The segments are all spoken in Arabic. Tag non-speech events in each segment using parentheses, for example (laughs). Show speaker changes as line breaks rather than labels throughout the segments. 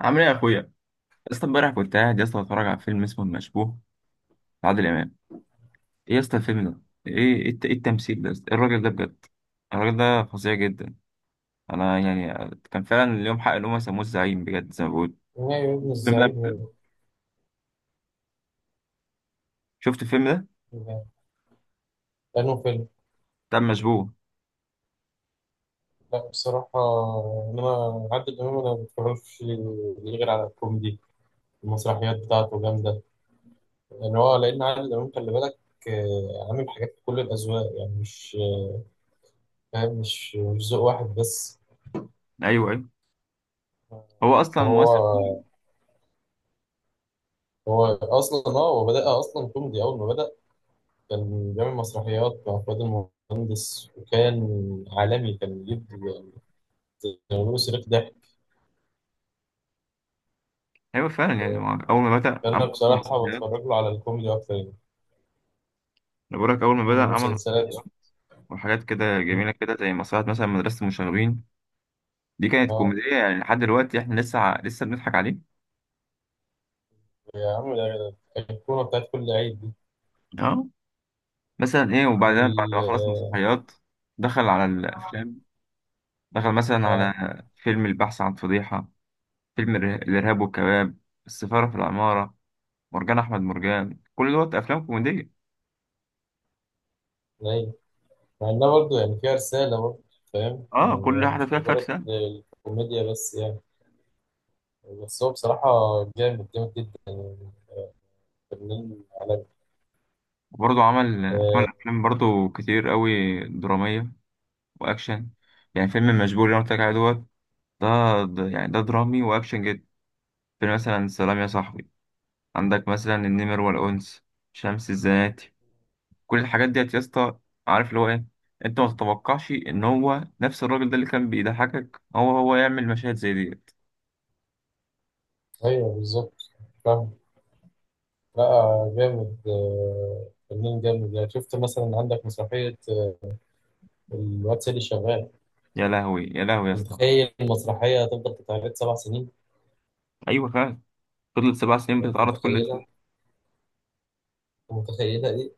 عامل ايه يا اخويا؟ يا اسطى، امبارح كنت قاعد يا اسطى بتفرج على فيلم اسمه المشبوه لعادل امام. ايه يا اسطى الفيلم ده؟ ايه ايه إيه التمثيل ده يا اسطى؟ ايه الراجل ده بجد. الراجل ده فظيع جدا. انا يعني كان فعلا اليوم حق ان هم سموه الزعيم بجد زي ما بقول.
نهائي ابن
شفت الفيلم ده
الزعيم
بجد؟
يعني.
شفت الفيلم ده
يعني لأنه فيلم.
بتاع المشبوه.
لا بصراحة، إنما عادل إمام أنا ما بتفرجش ليه غير على الكوميدي. المسرحيات بتاعته جامدة. يعني هو لأن عادل إمام خلي بالك. عامل حاجات في كل الأذواق يعني. مش فاهم، مش ذوق واحد بس.
ايوه ايوه،
آه،
هو
ده
اصلا ممثل
هو.
تقيل.
هو أصلا، هو بدأ أصلا كوميدي أول ما بدأ. كان بيعمل مسرحيات مع فؤاد المهندس وكان عالمي. كان بيجيب يعني، بيعملوا صريخ
ايوه فعلا، يعني هو
ضحك.
اول ما بدا عمل
أنا
اصلا
بصراحة
مسرحيات.
بتفرج له على الكوميدي أكتر يعني.
انا بقول لك اول ما بدا عمل
والمسلسلات.
مسرحيات وحاجات كده جميله، كده زي مسرحيه مثلا مدرسه المشاغبين. دي كانت
آه،
كوميديه، يعني لحد دلوقتي احنا لسه بنضحك عليه.
يا عم ده الكورة بتاعت كل عيد دي.
اه مثلا ايه، وبعدين بعد ما خلص
وال،
المسرحيات دخل على الافلام. دخل مثلا على
آه،
فيلم البحث عن فضيحة، الارهاب والكباب، السفارة في العمارة، مرجان احمد مرجان. كل دوت افلام كوميدية.
العيد، مع إنها برضه يعني فيها رسالة برضه. فاهم؟
اه،
يعني
كل
هي
واحدة
مش
فيها
مجرد
فرسة.
الكوميديا بس يعني. بس هو بصراحة جامد جامد جدا، فنان عالمي.
وبرضه عمل
آه،
افلام برضه كتير قوي درامية واكشن. يعني فيلم مشبوه اللي انا قلت لك عليه دوت ده، يعني ده درامي واكشن جدا. فيلم مثلا سلام يا صاحبي، عندك مثلا النمر والانس، شمس الزناتي، كل الحاجات ديت يا اسطى. عارف اللي هو ايه؟ انت ما تتوقعش ان هو نفس الراجل ده اللي كان بيضحكك هو يعمل مشاهد زي ديت.
أيوه بالظبط. فاهم. لا جامد، فنان جامد. يعني شفت مثلا عندك مسرحية الواد سيدي شغال؟
يا لهوي يا لهوي يا اسطى.
متخيل المسرحية هتفضل تتعرض 7 سنين؟
ايوه فعلا، فضلت 7 سنين
كنت
بتتعرض كل اسبوع.
متخيلها؟ كنت متخيلها دي؟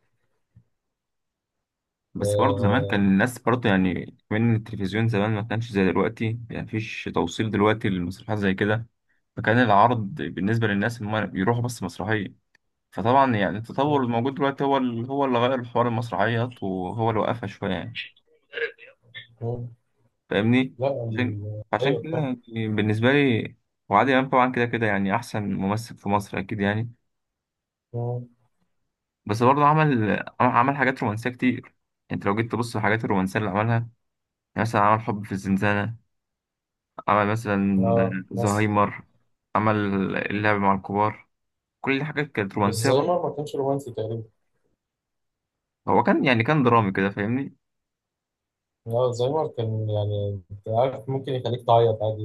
بس برضه زمان كان
آه،
الناس برضه، يعني من التلفزيون زمان ما كانش زي دلوقتي، يعني مفيش توصيل دلوقتي للمسرحيات زي كده. فكان العرض بالنسبة للناس ان هم يروحوا بس مسرحية. فطبعا يعني التطور
مم،
الموجود دلوقتي هو هو اللي غير حوار المسرحيات وهو اللي وقفها شوية يعني.
مم.
فاهمني؟
لا،
عشان عشان
ايوه
كده
فاهم.
يعني بالنسبة لي، وعادل إمام طبعا كده كده يعني أحسن ممثل في مصر أكيد يعني.
مم.
بس برضه عمل حاجات رومانسية كتير. أنت لو جيت تبص الحاجات الرومانسية اللي عملها يعني، مثلا عمل حب في الزنزانة، عمل
اه
مثلا
ناس.
زهايمر، عمل اللعب مع الكبار. كل دي حاجات كانت
بس
رومانسية برضه.
زايمر ما كانش رومانسي تقريبا.
هو كان يعني كان درامي كده فاهمني.
لا زايمر كان يعني انت عارف ممكن يخليك تعيط عادي.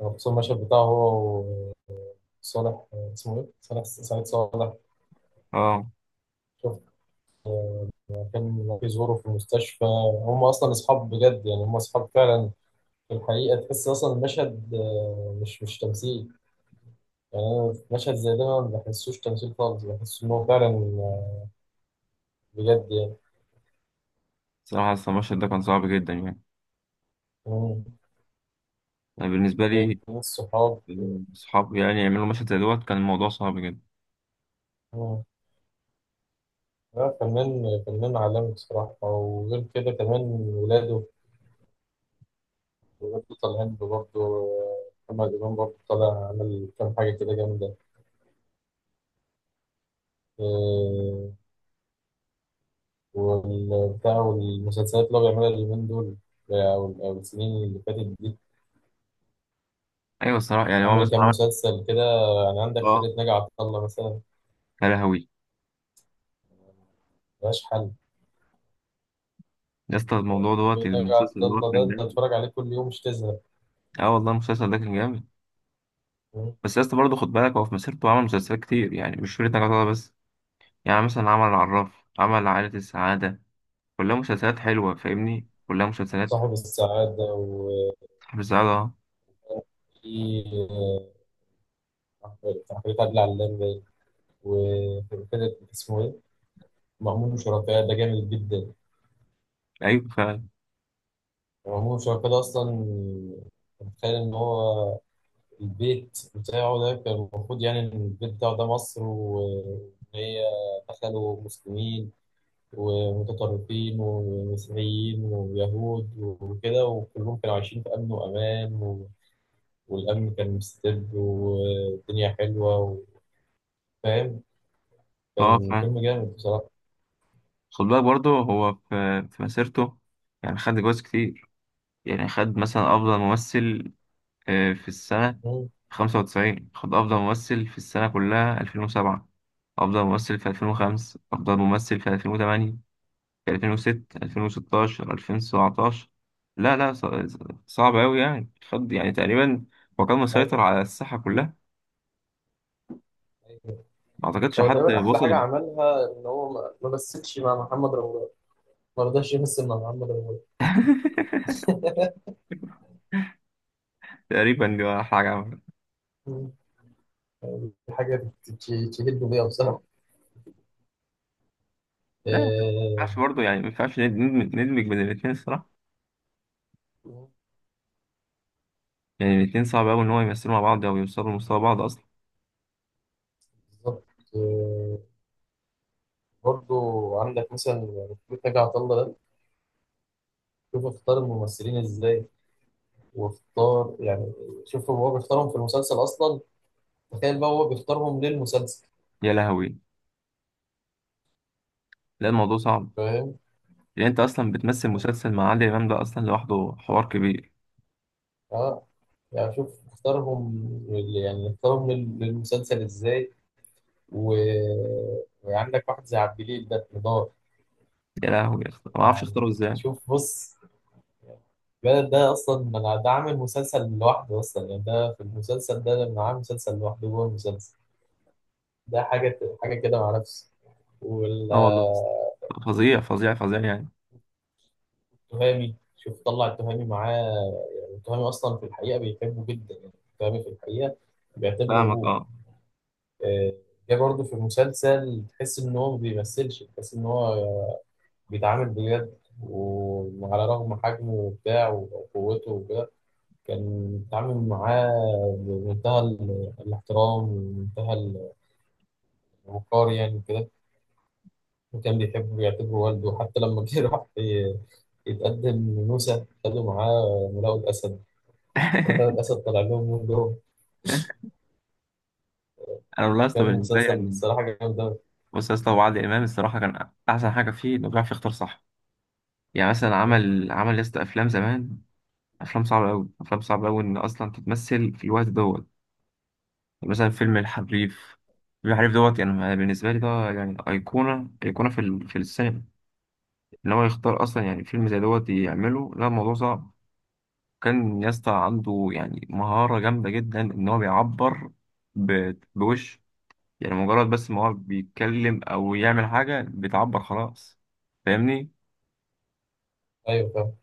يعني خصوصا المشهد بتاعه، هو وصالح، اسمه ايه؟ صالح، سعيد صالح.
اه.
شوف، كان بيزوره في المستشفى. هم اصلا اصحاب بجد، يعني هم اصحاب فعلا. في الحقيقة تحس اصلا المشهد مش تمثيل. يعني أنا في مشهد زي ده ما بحسوش تمثيل خالص، بحس إن هو فعلا بجد يعني.
صراحة أصل المشهد ده كان صعب جدا يعني.
مم.
يعني بالنسبة
من
لي
الصحاب.
الصحاب يعني يعملوا مشهد زي دوت كان الموضوع صعب جدا.
مم. لا، فنان عالمي بصراحة. وغير كده كمان، ولاده ولاده طالعين برضه. محمد إمام برضه طالع، عمل كام حاجة كده جامدة. آه، والبتاع والمسلسلات اللي هو بيعملها اليومين دول، أو السنين اللي فاتت دي.
أيوة، الصراحة يعني هو
عامل
مثلا
كام
عمل.
مسلسل كده. يعني عندك
اه،
فرقة ناجي عطا الله مثلا،
يا لهوي
ملهاش حل.
يا اسطى، الموضوع دوت يعني
نجا عبد
المسلسل دوت
الله ده
كان
انت
جامد.
اتفرج عليه كل يوم مش تزهق.
اه والله المسلسل ده كان جامد.
مم.
بس يا اسطى برضه خد بالك هو في مسيرته عمل مسلسلات كتير، يعني مش شريط نجاة بس. يعني مثلا عمل العراف، عمل عائلة السعادة. كلها مسلسلات حلوة فاهمني، كلها مسلسلات.
صاحب السعادة، وفي
صاحب السعادة، اه.
تحرير عادل علام باين. وفرقة اسمه ايه؟ مأمون وشركاه ده جامد جدا.
ايوه فعلا.
مأمون وشركاه ده أصلا، متخيل إن هو البيت بتاعه ده كان المفروض يعني إن البيت بتاعه ده مصر، وإن هي دخلوا مسلمين ومتطرفين ومسيحيين ويهود وكده، وكلهم كانوا عايشين في أمن وأمان، والأمن كان مستبد والدنيا حلوة، وفاهم.
اه
كان
فعلا،
فيلم جامد بصراحة.
خد بالك برضه هو في مسيرته يعني خد جوائز كتير. يعني خد مثلا أفضل ممثل في السنة
مم.
95، خد أفضل ممثل في السنة كلها 2007، أفضل ممثل في 2005، أفضل ممثل في 2008، في 2006، 2016، 2017. لا لا، صعب أوي يعني. خد يعني تقريبا، هو كان
أيوة.
مسيطر على الساحة كلها.
أيوة.
ما أعتقدش
هو
حد
تقريبا احلى حاجه
وصل.
عملها ان هو ما مثلش مع محمد رمضان. ما رضاش يمثل مع محمد رمضان.
(laughs) تقريبا دي ولا حاجة عملها.
مم. يعني دي حاجه تهد بيها بصراحه.
لا، ما
آه،
ينفعش برضه، يعني ما ينفعش ندمج بين الاتنين الصراحة. يعني الاتنين صعب أوي إن هو يمثلوا مع بعض أو يوصلوا لمستوى بعض أصلا.
بالظبط. آه، برضو عندك مثلا بيت نجا عطا الله ده، شوف اختار الممثلين ازاي، واختار يعني شوف هو بيختارهم في المسلسل اصلا. تخيل بقى هو بيختارهم للمسلسل.
يا لهوي. لا الموضوع صعب، لان انت اصلا بتمثل مسلسل مع عادل امام ده اصلا لوحده حوار كبير.
اه. يعني شوف اختارهم يعني اختارهم للمسلسل ازاي و... وعندك واحد زي عبد الجليل ده نضال.
يا لهوي يا اسطى، ما اعرفش
يعني
اختاره ازاي.
شوف بص، ده اصلا انا ده عامل مسلسل لوحده اصلا. يعني ده في المسلسل ده لما عامل مسلسل لوحده جوه المسلسل، ده حاجه حاجه كده مع نفسه.
اه والله
والتهامي،
يا اسطى، فظيع فظيع فظيع يعني.
شوف طلع التهامي معاه. يعني التهامي اصلا في الحقيقه بيحبه جدا، يعني التهامي في الحقيقه بيعتبره
فاهمك،
ابوه.
اه.
ده برضه في المسلسل تحس ان هو ما بيمثلش، تحس ان هو بيتعامل بجد. وعلى رغم حجمه وبتاع وقوته وكده، كان بيتعامل معاه بمنتهى الاحترام ومنتهى الوقار يعني كده. وكان بيحبه ويعتبره والده. حتى لما جه (laughs) راح يتقدم لنوسة، خدوا معاه ملاقوا الأسد. ملاقوا
(laughs)
الأسد طلع لهم من جوه.
انا والله يا اسطى
كان
بالنسبه لي
مسلسل
يعني.
الصراحة جامد أوي.
بص يا اسطى، هو عادل امام الصراحه كان احسن حاجه فيه انه بيعرف يختار صح. يعني مثلا عمل يا اسطى افلام زمان. افلام صعبه قوي، افلام صعبه قوي ان اصلا تتمثل في الوقت دوت. يعني مثلا فيلم الحريف. الحريف دوت يعني بالنسبه لي ده يعني ايقونه ايقونه في في السينما. ان هو يختار اصلا يعني فيلم زي دوت يعمله، لا الموضوع صعب. كان يسطا عنده يعني مهارة جامدة جدا ان هو بيعبر بوش. يعني مجرد بس ما هو بيتكلم او يعمل حاجة بتعبر خلاص. فاهمني؟
أيوه فاهم.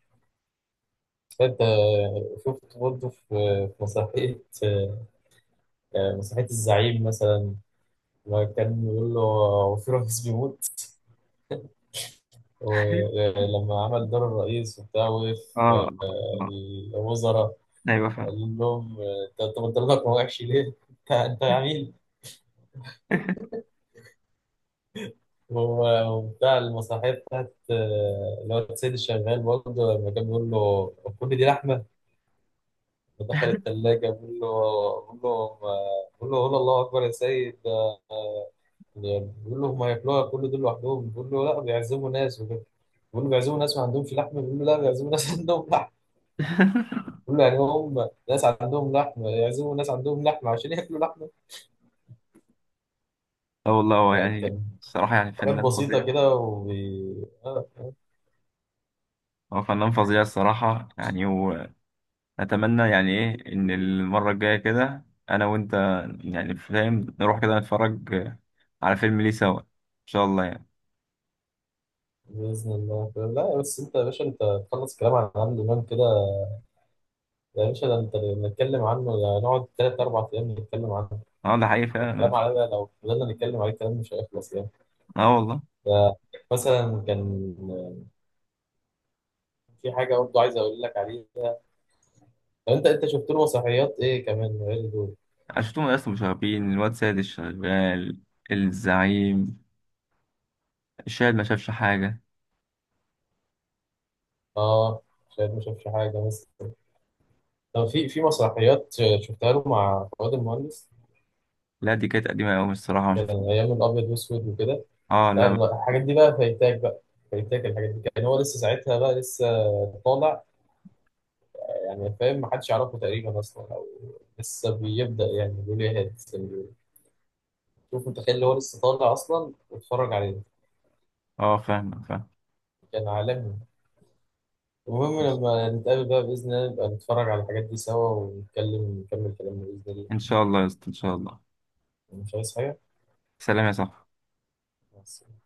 فانت شفت برضه في مسرحية، مسرحية الزعيم مثلا، لما كان بيقول له هو في رئيس بيموت،
(laughs)
ولما عمل دور الرئيس وبتاع وقف
اه. آه.
الوزراء،
ايوه فاهم.
قال لهم أنت بتضلك وحش ليه؟ انت عميل.
(laughs)
وبتاع المسرحية بتاعت اللي هو السيد الشغال برضه لما كان بيقول له كل دي لحمة، دخل التلاجة بيقول له، بيقول له بيقول له قول الله أكبر يا سيد. بيقول له هم هياكلوها كل دول لوحدهم. بيقول له لا، بيعزموا ناس وكده. بيقول له بيعزموا ناس ما عندهمش لحم. بيقول له لا، بيعزموا ناس (laughs) عندهم لحم. بيقول له يعني هم ناس عندهم لحم يعزموا ناس عندهم لحم عشان ياكلوا لحمه.
اه والله، هو
لا،
يعني
كان
الصراحة يعني
حاجات
فنان
بسيطه
فظيع.
كده آه آه،
هو فنان فظيع الصراحة يعني. اتمنى يعني ايه ان المره الجايه كده انا وانت يعني فاهم نروح كده نتفرج على فيلم ليه سوا ان شاء الله يعني.
باذن الله. لا بس انت يا باشا، تخلص كلام عن عادل امام كده. يا باشا ده انت نتكلم عنه يعني نقعد 3 4 أيام نتكلم عنه.
اه ده حقيقي فعلا.
الكلام عليه بقى لو فضلنا نتكلم عليه الكلام مش هيخلص يعني.
اه والله.
ف- مثلا كان في حاجه برضه عايز اقول لك عليها. طب انت شفت له مسرحيات ايه كمان غير دول؟
شفتهم اصلا، مشاغبين، الواد سيد الشغال، الزعيم، الشاهد ما شافش حاجه.
اه شايف، ما شافش حاجه بس. طب في مسرحيات شفتها له مع فؤاد المهندس؟
لا دي كانت قديمه قوي الصراحه ما
كان
شفتهاش.
ايام الابيض والاسود وكده.
اه
لا
لا.
لا، الحاجات دي بقى فايتاك بقى، فايتاك الحاجات دي. كان هو لسه ساعتها، بقى لسه طالع يعني. فاهم؟ ما حدش يعرفه تقريبا اصلا، او لسه بيبدا يعني بيقول ايه هاد لسه بيقول. شوف متخيل اللي هو لسه طالع اصلا، واتفرج عليه.
اه فاهم فاهم.
كان عالمي. المهم لما نتقابل بقى باذن الله، نبقى نتفرج على الحاجات دي سوا ونتكلم، نكمل كلامنا باذن الله.
ان شاء الله يا اسطى، ان شاء الله.
يعني مش عايز حاجة
سلام يا صاحبي.
بس